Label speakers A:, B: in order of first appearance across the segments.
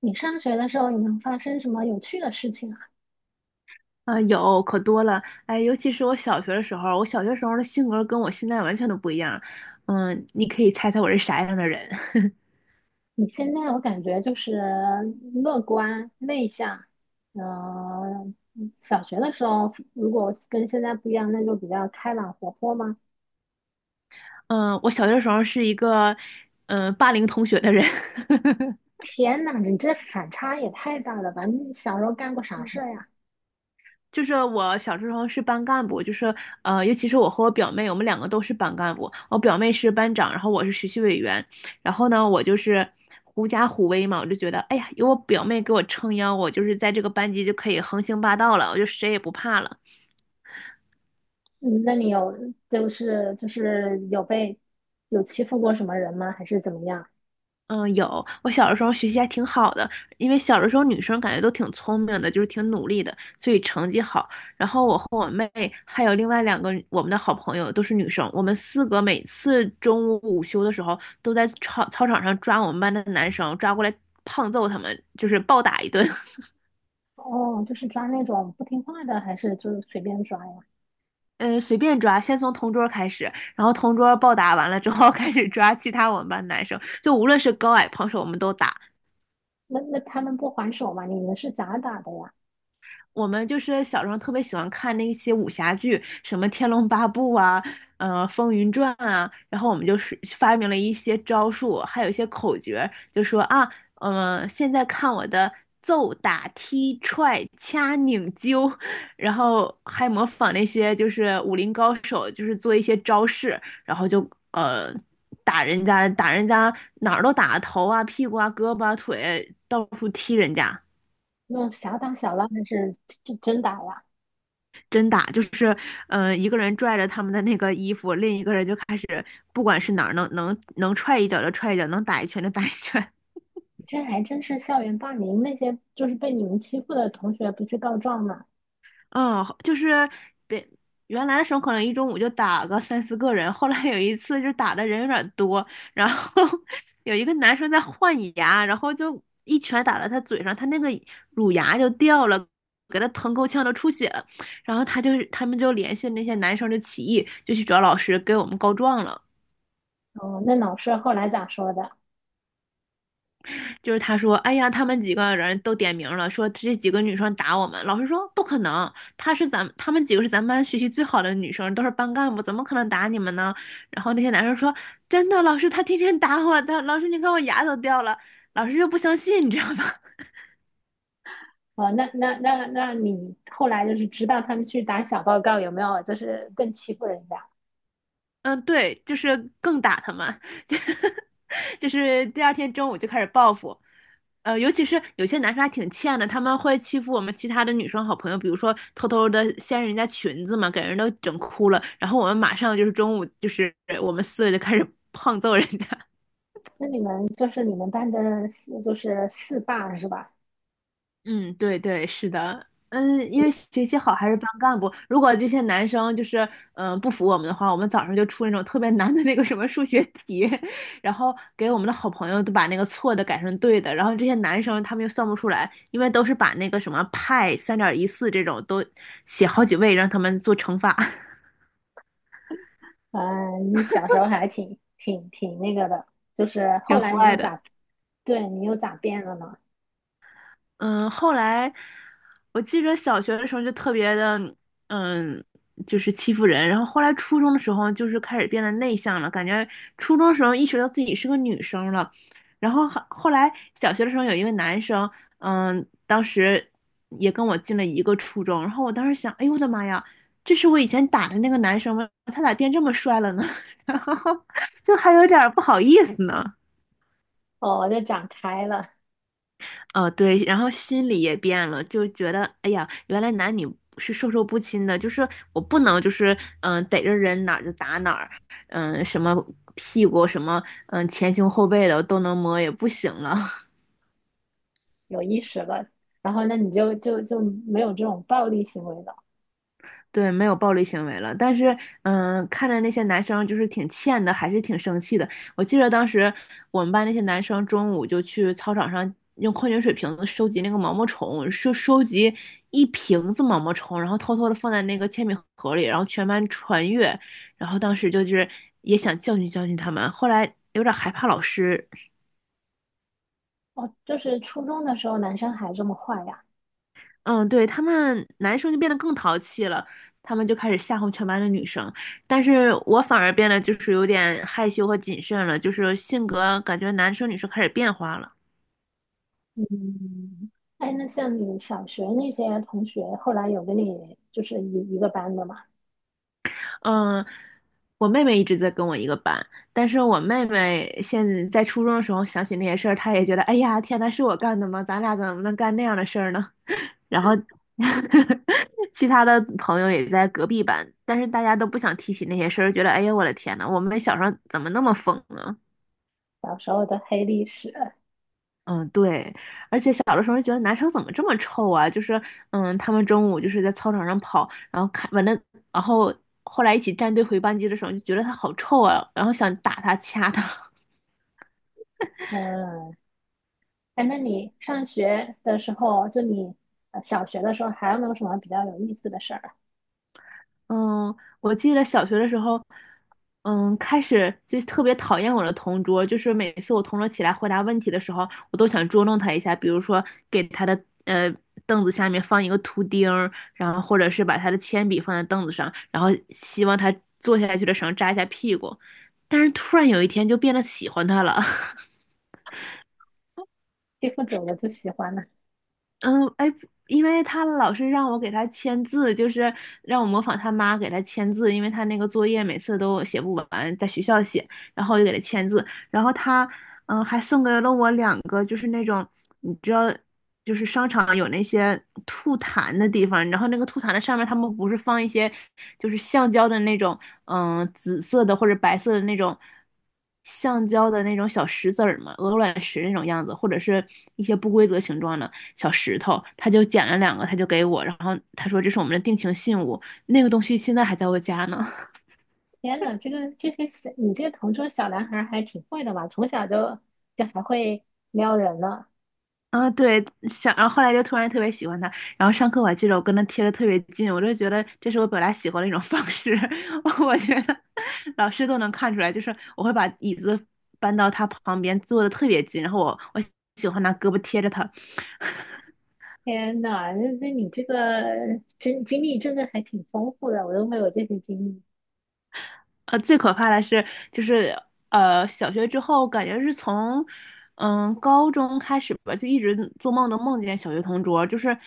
A: 你上学的时候有没有发生什么有趣的事情啊？
B: 啊，有可多了，哎，尤其是我小学的时候，我小学时候的性格跟我现在完全都不一样。嗯，你可以猜猜我是啥样的人？
A: 你现在我感觉就是乐观内向，呃，小学的时候如果跟现在不一样，那就比较开朗活泼吗？
B: 嗯，我小学的时候是一个，霸凌同学的人。
A: 天呐，你这反差也太大了吧！你小时候干过 啥
B: 嗯，
A: 事儿呀？
B: 就是我小时候是班干部，就是尤其是我和我表妹，我们两个都是班干部。我表妹是班长，然后我是学习委员。然后呢，我就是狐假虎威嘛，我就觉得，哎呀，有我表妹给我撑腰，我就是在这个班级就可以横行霸道了，我就谁也不怕了。
A: 嗯，那你有，就是有被有欺负过什么人吗？还是怎么样？
B: 嗯，有，我小的时候学习还挺好的，因为小的时候女生感觉都挺聪明的，就是挺努力的，所以成绩好。然后我和我妹还有另外两个我们的好朋友都是女生，我们四个每次中午午休的时候都在操场上抓我们班的男生，抓过来胖揍他们，就是暴打一顿。
A: 哦，就是抓那种不听话的，还是就是随便抓呀？
B: 嗯，随便抓，先从同桌开始，然后同桌暴打完了之后 开始抓其他我们班男生，就无论是高矮胖瘦，我们都打。
A: 那他们不还手吗？你们是咋打的呀？
B: 我们就是小时候特别喜欢看那些武侠剧，什么《天龙八部》啊，《风云传》啊，然后我们就是发明了一些招数，还有一些口诀，就说啊，现在看我的揍、打、踢、踹、掐、拧、揪，然后还模仿那些就是武林高手，就是做一些招式，然后就呃打人家，哪儿都打，头啊、屁股啊、胳膊啊、腿，到处踢人家。
A: 那小打小闹还是真打呀？
B: 真打，就是，一个人拽着他们的那个衣服，另一个人就开始，不管是哪儿能踹一脚就踹一脚，能打一拳就打一拳。
A: 这还真是校园霸凌，那些就是被你们欺负的同学不去告状吗？
B: 嗯，就是别原来的时候可能一中午就打个三四个人，后来有一次就打的人有点多，然后 有一个男生在换牙，然后就一拳打到他嘴上，他那个乳牙就掉了，给他疼够呛，都出血了。然后他就是他们就联系那些男生就起义，就去找老师给我们告状了。
A: 哦，那老师后来咋说的？
B: 就是他说，哎呀，他们几个人都点名了，说这几个女生打我们。老师说不可能，她是咱们，她们几个是咱们班学习最好的女生，都是班干部，怎么可能打你们呢？然后那些男生说，真的，老师，她天天打我的，老师，你看我牙都掉了。老师又不相信，你知道吗？
A: 哦，那你后来就是知道他们去打小报告有没有？就是更欺负人家？
B: 嗯，对，就是更打他们，就是第二天中午就开始报复。呃，尤其是有些男生还挺欠的，他们会欺负我们其他的女生好朋友，比如说偷偷的掀人家裙子嘛，给人都整哭了，然后我们马上就是中午就是我们四个就开始 胖揍人家，
A: 那你们就是你们班的四，就是四霸是吧？
B: 嗯，对对，是的，嗯，因为学习好还是班干部。如果这些男生就是不服我们的话，我们早上就出那种特别难的那个什么数学题，然后给我们的好朋友都把那个错的改成对的，然后这些男生他们又算不出来，因为都是把那个什么派3.14这种都写好几位，让他们做乘法，
A: 嗯，你小时候还挺那个的，就是 后
B: 挺
A: 来你
B: 坏
A: 又
B: 的。
A: 咋，对你又咋变了呢？
B: 嗯，后来我记着小学的时候就特别的，嗯，就是欺负人。然后后来初中的时候，就是开始变得内向了，感觉初中的时候意识到自己是个女生了。然后后来小学的时候有一个男生，嗯，当时也跟我进了一个初中。然后我当时想，哎呦我的妈呀，这是我以前打的那个男生吗？他咋变这么帅了呢？然后就还有点儿不好意思呢。
A: 哦，我就长开了。
B: 哦，对，然后心里也变了，就觉得，哎呀，原来男女是授受不亲的，就是我不能就是逮着人哪儿就打哪儿，什么屁股什么前胸后背的都能摸，也不行了。
A: 有意识了，然后那你就没有这种暴力行为了。
B: 对，没有暴力行为了，但是，看着那些男生就是挺欠的，还是挺生气的。我记得当时我们班那些男生中午就去操场上用矿泉水瓶子收集那个毛毛虫，收集一瓶子毛毛虫，然后偷偷的放在那个铅笔盒里，然后全班传阅。然后当时就是也想教训教训他们，后来有点害怕老师，
A: 哦，就是初中的时候男生还这么坏呀？
B: 嗯，对，他们男生就变得更淘气了，他们就开始吓唬全班的女生，但是我反而变得就是有点害羞和谨慎了，就是性格感觉男生女生开始变化了。
A: 嗯，哎，那像你小学那些同学，后来有跟你就是一个班的嘛？
B: 嗯，我妹妹一直在跟我一个班，但是我妹妹现在在初中的时候想起那些事儿，她也觉得，哎呀，天呐，是我干的吗？咱俩怎么能干那样的事儿呢？然后 其他的朋友也在隔壁班，但是大家都不想提起那些事儿，觉得，哎呀，我的天呐，我们小时候怎么那么疯呢？
A: 小时候的黑历史。
B: 嗯，对，而且小的时候觉得男生怎么这么臭啊？就是，他们中午就是在操场上跑，然后看完了，然后后来一起站队回班级的时候，就觉得他好臭啊，然后想打他、掐他。
A: 嗯，哎，那你上学的时候，就你小学的时候，还有没有什么比较有意思的事儿啊？
B: 嗯，我记得小学的时候，开始就特别讨厌我的同桌，就是每次我同桌起来回答问题的时候，我都想捉弄他一下，比如说给他的呃凳子下面放一个图钉儿然后或者是把他的铅笔放在凳子上，然后希望他坐下去的时候扎一下屁股。但是突然有一天就变得喜欢他了，
A: 欺负久了就喜欢了。
B: 嗯，哎，因为他老是让我给他签字，就是让我模仿他妈给他签字，因为他那个作业每次都写不完，在学校写，然后我就给他签字，然后他，还送给了我两个，就是那种你知道，就是商场有那些吐痰的地方，然后那个吐痰的上面他们不是放一些就是橡胶的那种，紫色的或者白色的那种橡胶的那种小石子儿嘛，鹅卵石那种样子，或者是一些不规则形状的。小石头，他就捡了两个，他就给我，然后他说这是我们的定情信物，那个东西现在还在我家呢。
A: 天呐，这个这些小你这个同桌小男孩儿还挺会的嘛，从小就，就还会撩人呢。
B: 啊，对，想，然后后来就突然特别喜欢它，然后上课我还记得我跟他贴的特别近，我就觉得这是我表达喜欢的一种方式，我觉得老师都能看出来，就是我会把椅子搬到他旁边坐的特别近，然后我喜欢拿胳膊贴着他，
A: 天呐，那那你这个真经历真的还挺丰富的，我都没有这些经历。
B: 最可怕的是，就是小学之后，感觉是从高中开始吧，就一直做梦都梦见小学同桌，就是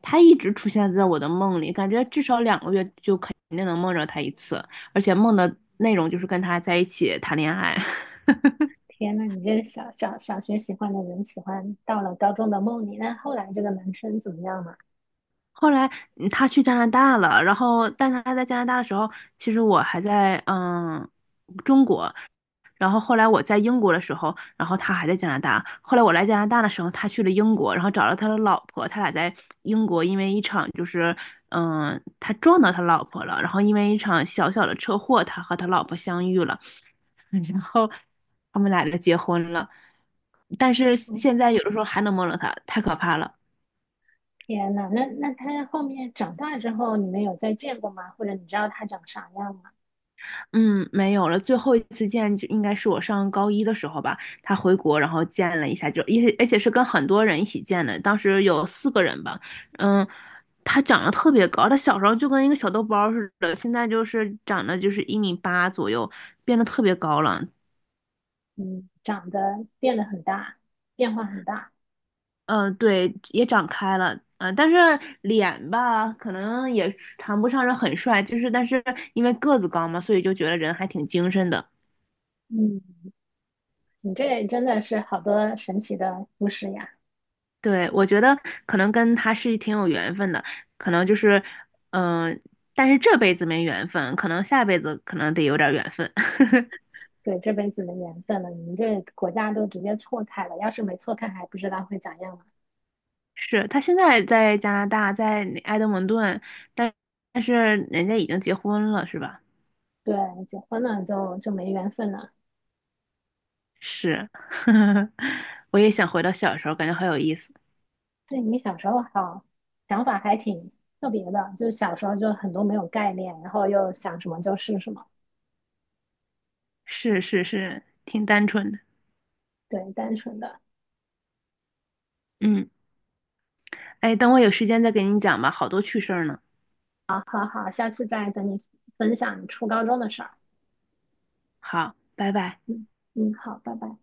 B: 他一直出现在我的梦里，感觉至少2个月就肯定能梦着他一次，而且梦的内容就是跟他在一起谈恋爱。
A: 天呐，你这小学喜欢的人，喜欢到了高中的梦里，那后来这个男生怎么样了？
B: 后来他去加拿大了，然后但是他在加拿大的时候，其实我还在然后后来我在英国的时候，然后他还在加拿大。后来我来加拿大的时候，他去了英国，然后找了他的老婆。他俩在英国因为一场就是，他撞到他老婆了，然后因为一场小小的车祸，他和他老婆相遇了，然后他们俩就结婚了。但是
A: 嗯，
B: 现在有的时候还能梦到他，太可怕了。
A: 天呐，那那他后面长大之后，你们有再见过吗？或者你知道他长啥样吗？
B: 嗯，没有了。最后一次见就应该是我上高一的时候吧，他回国然后见了一下，就而且是跟很多人一起见的，当时有四个人吧。嗯，他长得特别高，他小时候就跟一个小豆包儿似的，现在就是长得就是1.8米左右，变得特别高了。
A: 嗯，长得变得很大，变化很大。
B: 嗯，对，也长开了。嗯，但是脸吧，可能也谈不上是很帅，就是但是因为个子高嘛，所以就觉得人还挺精神的。
A: 嗯，你这真的是好多神奇的故事呀。
B: 对，我觉得可能跟他是挺有缘分的，可能就是，嗯、但是这辈子没缘分，可能下辈子可能得有点儿缘分。
A: 对，这辈子的缘分了，你们这国家都直接错开了，要是没错开，还不知道会咋样呢。
B: 是他现在在加拿大，在那埃德蒙顿，但但是人家已经结婚了，是吧？
A: 对，结婚了就没缘分了。
B: 是，我也想回到小时候，感觉好有意思。
A: 对，你小时候好，想法还挺特别的，就是小时候就很多没有概念，然后又想什么就是什么，
B: 是是是，挺单纯的。
A: 对，单纯的。
B: 嗯，哎，等我有时间再给你讲吧，好多趣事儿呢。
A: 好好好，下次再等你分享你初高中的事儿。
B: 好，拜拜。
A: 嗯，嗯，好，拜拜。